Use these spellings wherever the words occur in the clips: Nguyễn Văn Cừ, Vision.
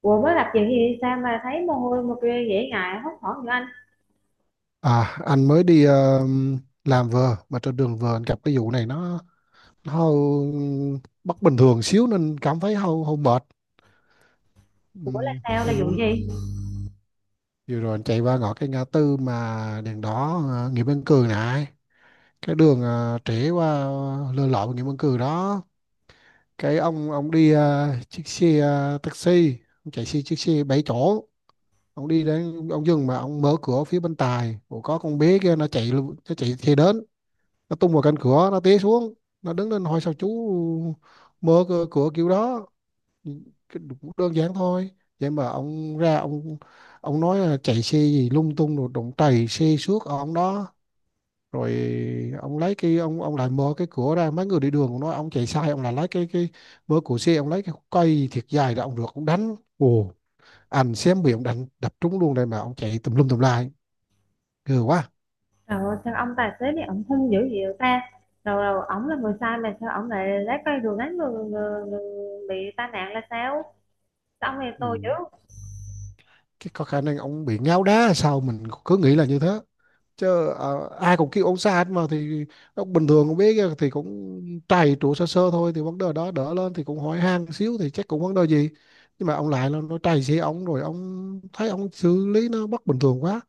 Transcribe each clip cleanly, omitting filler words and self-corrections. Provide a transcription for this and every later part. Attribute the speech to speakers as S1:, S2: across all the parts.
S1: Ủa mới tập gì thì sao mà thấy mồ hôi mà kia dễ ngại hốt hoảng như anh?
S2: À, anh mới đi làm vừa mà trên đường vừa anh gặp cái vụ này nó hơi bất bình thường xíu nên cảm thấy hơi hơi mệt.
S1: Ủa là sao, là
S2: Em
S1: vụ
S2: muốn
S1: gì?
S2: vừa rồi anh chạy qua ngõ cái ngã tư mà đèn đỏ Nguyễn Văn Cừ này, cái đường trễ qua Lê Lợi Nguyễn Văn Cừ đó. Cái ông đi chiếc xe taxi, ông chạy xe chiếc xe 7 chỗ. Ông đi đến ông dừng mà ông mở cửa phía bên tài. Ủa, có con bé kia nó chạy xe đến, nó tung vào cạnh cửa, nó té xuống, nó đứng lên hỏi sao chú mở cửa, cửa kiểu đó. Cũng đơn giản thôi, vậy mà ông ra ông nói là chạy xe gì lung tung rồi đụng trầy xe xước ở ông đó, rồi ông lấy cái ông lại mở cái cửa ra, mấy người đi đường cũng nói ông chạy sai, ông lại lấy cái mở cửa xe, ông lấy cái cây thiệt dài ra ông được ông đánh ồ, anh xem bị ông đánh đập trúng luôn đây, mà ông chạy tùm lum tùm lai, ghê quá.
S1: Rồi sao ông tài xế này ổng hung dữ vậy ta? Rồi rồi ổng là người sai mà sao ổng lại lái cây đường đánh người bị tai nạn là sao? Sao ông này
S2: Ừ.
S1: tôi dữ?
S2: Cái có khả năng ông bị ngáo đá hay sao, mình cứ nghĩ là như thế chứ ai cũng kêu ông xa hết, mà thì nó bình thường cũng biết thì cũng trầy trụ sơ sơ thôi, thì vấn đề đó đỡ lên thì cũng hỏi han xíu thì chắc cũng vấn đề gì. Nhưng mà ông lại là nó trầy xe ông, rồi ông thấy ông xử lý nó bất bình thường quá,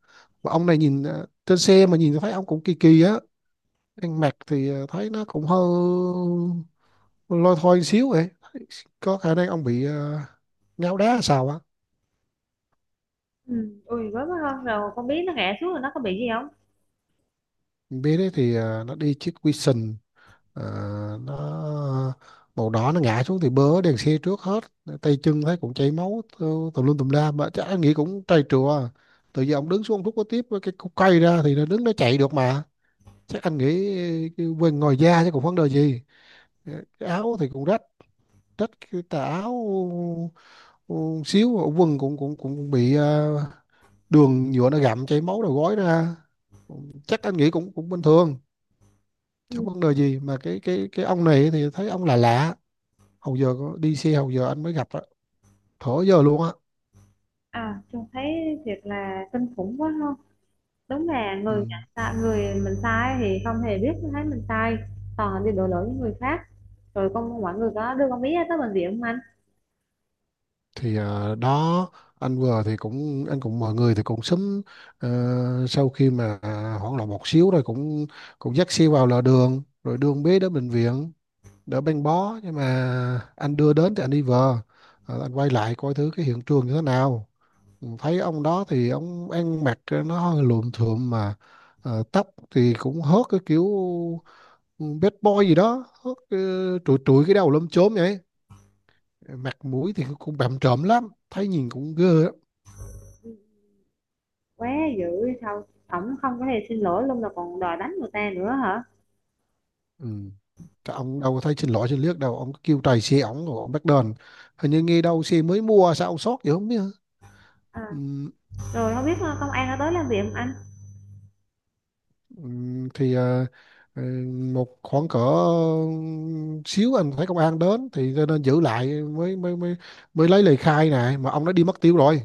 S2: và ông này nhìn trên xe mà nhìn thấy ông cũng kỳ kỳ á, ăn mặc thì thấy nó cũng hơi lôi thôi xíu vậy, có khả năng ông bị ngáo đá sao á.
S1: Ừ, ui với mới hơn rồi con biết nó ngã xuống rồi nó có bị gì không?
S2: Bế đấy thì nó đi chiếc Vision. Ờ, nó màu đỏ, nó ngã xuống thì bớ đèn xe trước hết, tay chân thấy cũng chảy máu tùm tùm lum tùm la, mà chắc anh nghĩ cũng trầy trùa. Tự giờ ông đứng xuống ông rút có tiếp với cái cục cây ra thì nó đứng nó chạy được mà, chắc anh nghĩ cái quên ngồi da chứ còn vấn đề gì. Ờ, cái áo thì cũng rách, rách cái tà áo ừ, xíu, quần cũng cũng cũng bị đường nhựa nó gặm chảy máu đầu gối ra, chắc anh nghĩ cũng cũng bình thường chứ
S1: Ừ.
S2: vấn đề gì. Mà cái ông này thì thấy ông là lạ lạ. Hầu giờ có đi xe, hầu giờ anh mới gặp á, thở giờ luôn á.
S1: À, trông thấy thiệt là kinh khủng quá không? Đúng là
S2: Ừ.
S1: người nhận sai, người mình sai thì không hề biết thấy mình sai. Toàn là đi đổ lỗi với người khác. Rồi con mọi người có đưa con biết tới bệnh viện không anh?
S2: Thì đó, anh vừa thì cũng anh cũng mọi người thì cũng sớm, ờ, sau khi mà hoảng loạn một xíu rồi cũng cũng dắt xe vào lề đường rồi đưa con bé đến bệnh viện đỡ băng bó, nhưng mà anh đưa đến thì anh đi về. Ờ, anh quay lại coi thứ cái hiện trường như thế nào. Ừ, thấy ông đó thì ông ăn mặc nó hơi luộm thuộm mà, tóc thì cũng hớt cái kiểu, Ừ, bad boy gì đó. Hớt, trụi trụi cái đầu lom chốm vậy, mặt mũi thì cũng bặm trợn lắm, thấy nhìn cũng ghê lắm.
S1: Quá dữ sao, ổng không có thể xin lỗi luôn mà còn đòi đánh người ta nữa hả?
S2: Ừ. Cái ông đâu có thấy xin lỗi xin liếc đâu, ông cứ kêu tài xế ổng rồi ông bắt đền, hình như nghe đâu xe mới mua sao ông sót vậy không biết hả?
S1: À,
S2: Ừ.
S1: rồi không biết công an đã tới làm việc không anh?
S2: ừ, thì ờ, một khoảng cỡ xíu anh thấy công an đến thì cho nên giữ lại, mới mới lấy lời khai này, mà ông đã đi mất tiêu rồi.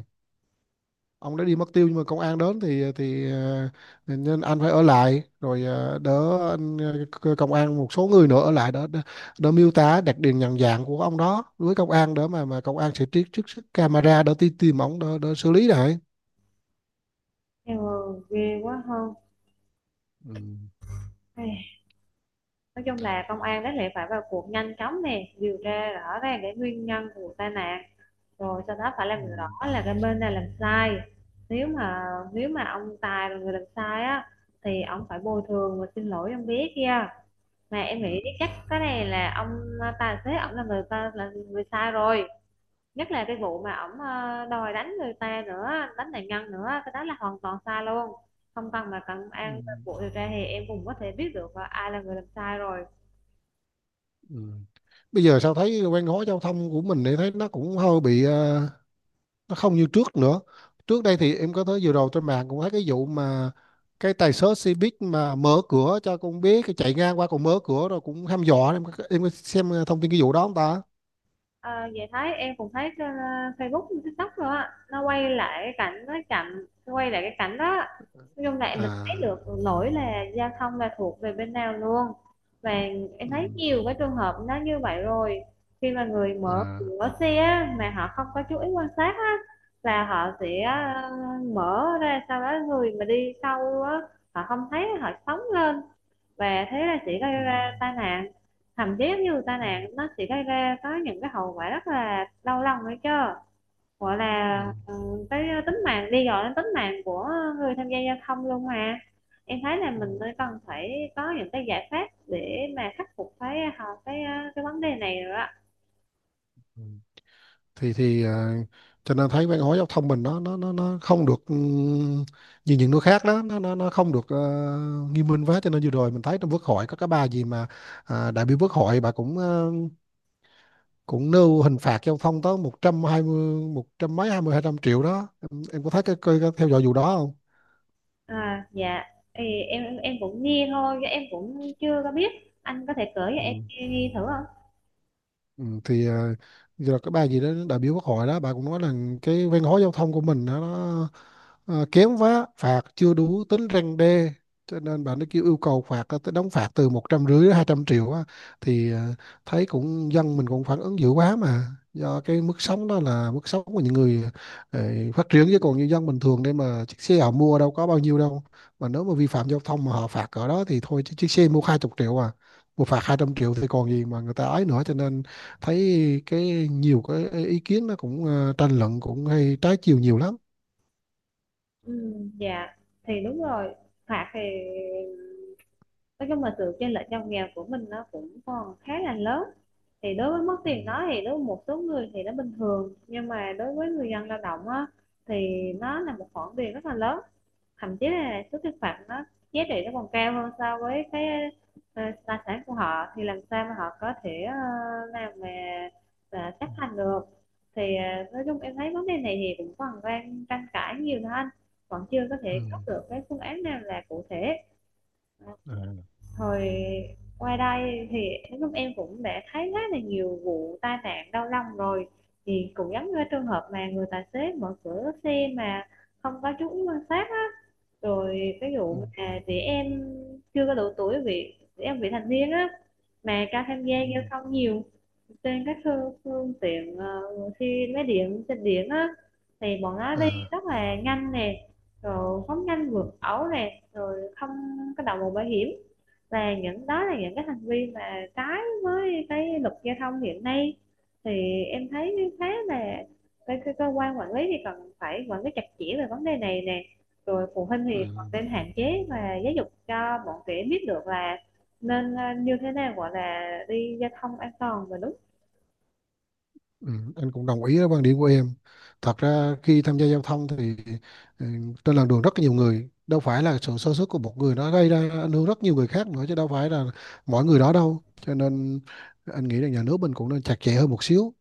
S2: Ông đã đi mất tiêu, nhưng mà công an đến thì nên anh phải ở lại rồi đỡ anh, công an một số người nữa ở lại đỡ đỡ, đỡ miêu tả đặc điểm nhận dạng của ông đó với công an, đỡ mà công an sẽ trích trích xuất camera, đỡ tìm tìm ông đỡ, đỡ xử lý lại.
S1: Ừ, ghê quá không?
S2: Ừ.
S1: Nói chung là công an đáng lẽ phải vào cuộc nhanh chóng nè, điều tra rõ ràng cái nguyên nhân của vụ tai nạn, rồi sau đó phải
S2: Ừ.
S1: làm rõ là cái bên này làm sai. Nếu mà nếu mà ông Tài là người làm sai á, thì ông phải bồi thường và xin lỗi ông bé kia. Mà em
S2: Ừ.
S1: nghĩ chắc cái này là ông tài xế, ông là người ta là người sai rồi. Nhất là cái vụ mà ổng đòi đánh người ta nữa, đánh nạn nhân nữa, cái đó là hoàn toàn sai luôn. Không cần mà cần
S2: Ừ.
S1: an cuộc điều tra thì em cũng có thể biết được là ai là người làm sai rồi.
S2: Ừ. Bây giờ sao thấy quen gói giao thông của mình thì thấy nó cũng hơi bị nó không như trước nữa. Trước đây thì em có thấy vừa rồi trên mạng cũng thấy cái vụ mà cái tài xế xe buýt mà mở cửa cho con bé cái chạy ngang qua còn mở cửa rồi cũng hăm dọa, em có xem thông tin cái vụ đó không ta?
S1: Ờ, vậy thấy em cũng thấy trên Facebook, TikTok rồi á, nó quay lại cái cảnh nó chậm, quay lại cái cảnh đó. Nói chung là mình thấy
S2: À.
S1: được lỗi là giao thông là thuộc về bên nào luôn. Và em
S2: Ừ.
S1: thấy nhiều cái trường hợp nó như vậy rồi. Khi mà người mở
S2: À.
S1: cửa xe á, mà họ không có chú ý quan sát á, là họ sẽ mở ra, sau đó người mà đi sau á, họ không thấy, họ phóng lên, và thế là sẽ gây
S2: Ừ.
S1: ra tai nạn. Thậm chí như tai
S2: Ừ.
S1: nạn nó sẽ gây ra có những cái hậu quả rất là đau lòng đấy chứ, gọi là
S2: Ừ.
S1: cái tính mạng đi, gọi đến tính mạng của người tham gia giao thông luôn mà. Em thấy là
S2: Ừ.
S1: mình mới cần phải có những cái giải pháp để mà khắc phục cái cái cái vấn đề này rồi đó.
S2: Ừ. Thì cho nên thấy văn hóa giao thông mình nó không được như những nước khác đó, nó không được nghiêm minh quá. Cho nên vừa rồi mình thấy trong quốc hội có cái bà gì mà đại biểu quốc hội, bà cũng cũng nêu hình phạt cho ông Thông tới 120 100 mấy 20 200 triệu đó em có thấy cái theo dõi vụ đó không?
S1: À, dạ, thì em cũng nghe thôi chứ em cũng chưa có biết. Anh có thể kể cho em
S2: Ừ.
S1: nghe, nghe thử không?
S2: Ừ, thì rồi cái bà gì đó đại biểu quốc hội đó, bà cũng nói là cái văn hóa giao thông của mình đó, nó kém quá, phạt chưa đủ tính răn đe, cho nên bà nó kêu yêu cầu phạt tới đóng phạt từ 150 đến 200 triệu á. Thì thấy cũng dân mình cũng phản ứng dữ quá, mà do cái mức sống đó là mức sống của những người ờ, phát triển, chứ còn như dân bình thường đây mà chiếc xe họ mua đâu có bao nhiêu đâu, mà nếu mà vi phạm giao thông mà họ phạt ở đó thì thôi, chứ chiếc xe mua 20 triệu à, một phạt 200 triệu thì còn gì mà người ta ấy nữa. Cho nên thấy cái nhiều cái ý kiến nó cũng tranh luận cũng hay trái chiều nhiều lắm.
S1: Ừ, dạ, thì đúng rồi. Phạt thì nói chung là sự chênh lệch giàu nghèo của mình nó cũng còn khá là lớn. Thì đối với mất
S2: Ừ.
S1: tiền đó thì đối với một số người thì nó bình thường, nhưng mà đối với người dân lao động á, thì nó là một khoản tiền rất là lớn. Thậm chí là số tiền phạt nó giá trị nó còn cao hơn so với cái tài sản của họ, thì làm sao mà họ có thể làm mà chấp hành được. Thì nói chung em thấy vấn đề này thì cũng còn đang tranh cãi nhiều thôi anh, vẫn chưa có
S2: Ừ.
S1: thể có được cái phương án nào là cụ thể. Ờ,
S2: Ừ. À.
S1: hồi qua đây thì lúc em cũng đã thấy khá là nhiều vụ tai nạn đau lòng rồi, thì cũng giống như cái trường hợp mà người tài xế mở cửa xe mà không có chú ý quan sát á. Rồi cái vụ
S2: Ừ.
S1: mà trẻ em chưa có đủ tuổi, bị trẻ em vị thành niên á, mà cho tham
S2: Ừ.
S1: gia giao thông nhiều trên các phương tiện xe máy điện, trên điện á, thì bọn nó đi
S2: À.
S1: rất là nhanh nè, rồi phóng nhanh vượt ẩu nè, rồi không có đội mũ bảo hiểm, là những đó là những cái hành vi mà trái với cái luật giao thông hiện nay. Thì em thấy khá là cái cơ quan quản lý thì cần phải quản lý chặt chẽ về vấn đề này nè. Rồi phụ huynh
S2: Ừ.
S1: thì còn nên hạn chế và giáo dục cho bọn trẻ biết được là nên như thế nào gọi là đi giao thông an toàn và đúng.
S2: Ừ. Anh cũng đồng ý với quan điểm của em, thật ra khi tham gia giao thông thì ừ, trên làn đường rất nhiều người, đâu phải là sự sơ suất của một người nó gây ra ảnh hưởng rất nhiều người khác nữa, chứ đâu phải là mỗi người đó đâu. Cho nên anh nghĩ là nhà nước mình cũng nên chặt chẽ hơn một xíu,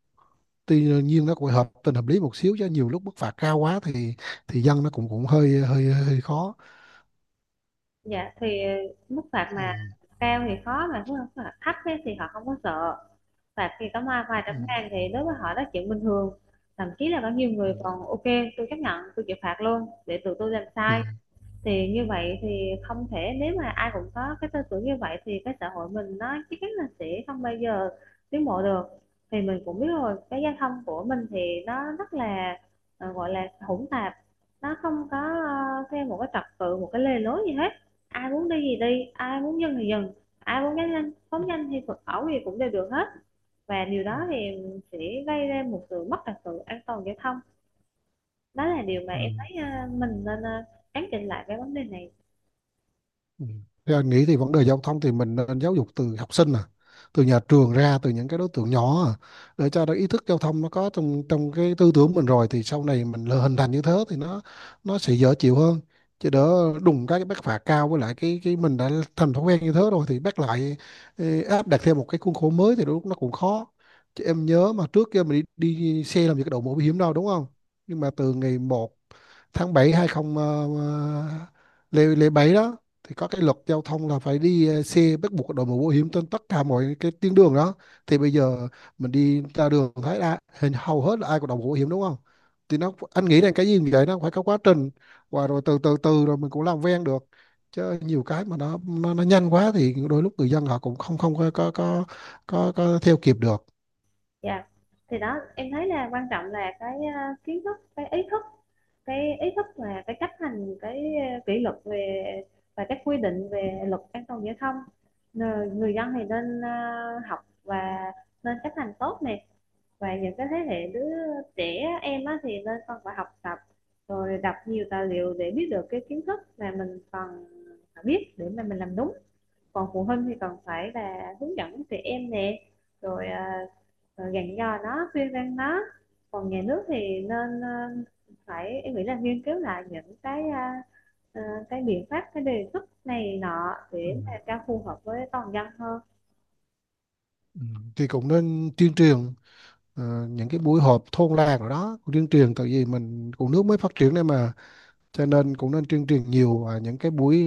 S2: tuy nhiên nó cũng hợp tình hợp lý một xíu, chứ nhiều lúc mức phạt cao quá thì dân nó cũng cũng hơi hơi hơi khó.
S1: Dạ, thì mức phạt
S2: Ừ.
S1: mà cao thì khó, mà mức phạt thấp ấy, thì họ không có sợ. Phạt thì có vài vài
S2: Ừ.
S1: trăm ngàn thì đối với họ đó là chuyện bình thường. Thậm chí là có nhiều
S2: Ừ.
S1: người còn ok, tôi chấp nhận, tôi chịu phạt luôn để tụi tôi làm
S2: Ừ.
S1: sai. Thì như vậy thì không thể, nếu mà ai cũng có cái tư tưởng như vậy thì cái xã hội mình nó chắc chắn là sẽ không bao giờ tiến bộ được. Thì mình cũng biết rồi, cái giao thông của mình thì nó rất là gọi là hỗn tạp, nó không có theo một cái trật tự, một cái lề lối gì hết. Ai muốn đi gì đi, ai muốn dừng thì dừng, ai muốn nhanh nhanh, phóng nhanh thì phóng ẩu gì cũng đều được hết. Và điều
S2: Ừ.
S1: đó thì sẽ gây ra một sự mất trật tự an toàn giao thông. Đó là điều mà
S2: Ừ.
S1: em thấy mình nên cán chỉnh lại cái vấn đề này.
S2: Ừ. Theo anh nghĩ thì vấn đề giao thông thì mình nên giáo dục từ học sinh, từ nhà trường ra, từ những cái đối tượng nhỏ, để cho nó ý thức giao thông nó có trong trong cái tư tưởng mình rồi, thì sau này mình lỡ hình thành như thế thì nó sẽ dễ chịu hơn. Chứ đỡ đùng cái bắt phạt cao, với lại cái mình đã thành thói quen như thế rồi thì bắt lại ê, áp đặt theo một cái khuôn khổ mới thì đôi lúc nó cũng khó. Chứ em nhớ mà trước kia mình đi xe làm gì có đội mũ bảo hiểm đâu đúng không? Nhưng mà từ ngày một tháng 7 20 lễ lễ 7 đó, thì có cái luật giao thông là phải đi xe bắt buộc đội mũ bảo hiểm trên tất cả mọi cái tuyến đường đó. Thì bây giờ mình đi ra đường thấy là hình hầu hết là ai có đội mũ bảo hiểm đúng không? Thì nó anh nghĩ là cái gì như vậy nó phải có quá trình, và rồi từ từ từ rồi mình cũng làm quen được, chứ nhiều cái mà nó nhanh quá thì đôi lúc người dân họ cũng không không có theo kịp được.
S1: Dạ, thì đó em thấy là quan trọng là cái kiến thức, cái ý thức, cái ý thức và cái chấp hành cái kỷ luật về và các quy định về luật an toàn giao thông. Người dân thì nên học và nên chấp hành tốt này. Và những cái thế hệ đứa trẻ em á, thì nên còn phải học tập, rồi đọc nhiều tài liệu để biết được cái kiến thức mà mình cần phải biết để mà mình làm đúng. Còn phụ huynh thì cần phải là hướng dẫn trẻ em nè, rồi dặn dò nó, khuyên răn nó. Còn nhà nước thì nên phải em nghĩ là nghiên cứu lại những cái à, cái biện pháp, cái đề xuất này nọ
S2: Ừ.
S1: để mà cho phù hợp với toàn dân hơn.
S2: Ừ. Thì cũng nên tuyên truyền những cái buổi họp thôn làng rồi đó, tuyên truyền tại vì mình cũng nước mới phát triển đây mà, cho nên cũng nên tuyên truyền nhiều, những cái buổi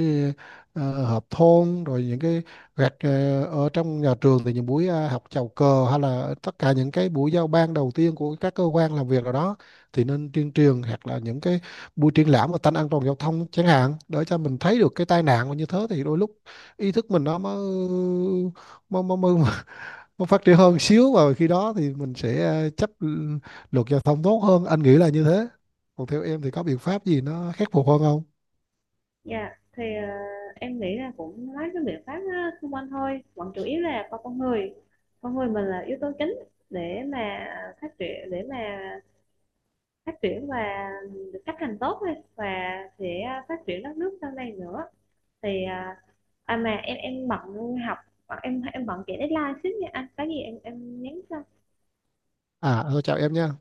S2: họp thôn, rồi những cái gạch ở trong nhà trường thì những buổi học chào cờ, hay là tất cả những cái buổi giao ban đầu tiên của các cơ quan làm việc nào đó, thì nên tuyên truyền, hoặc là những cái buổi triển lãm về tanh an toàn giao thông chẳng hạn, để cho mình thấy được cái tai nạn mà như thế thì đôi lúc ý thức mình nó mới mới nó phát triển hơn xíu, và khi đó thì mình sẽ chấp luật giao thông tốt hơn, anh nghĩ là như thế. Còn theo em thì có biện pháp gì nó khắc phục hơn không?
S1: Dạ, yeah, thì em nghĩ là cũng mấy cái biện pháp á, xung quanh thôi, còn chủ yếu là con người, con người mình là yếu tố chính để mà phát triển, để mà phát triển và được chấp hành tốt thôi, và sẽ phát triển đất nước sau này nữa. Thì à mà em bận học, em bận chạy deadline xíu nha, anh có gì em nhắn cho.
S2: À thôi, chào em nha.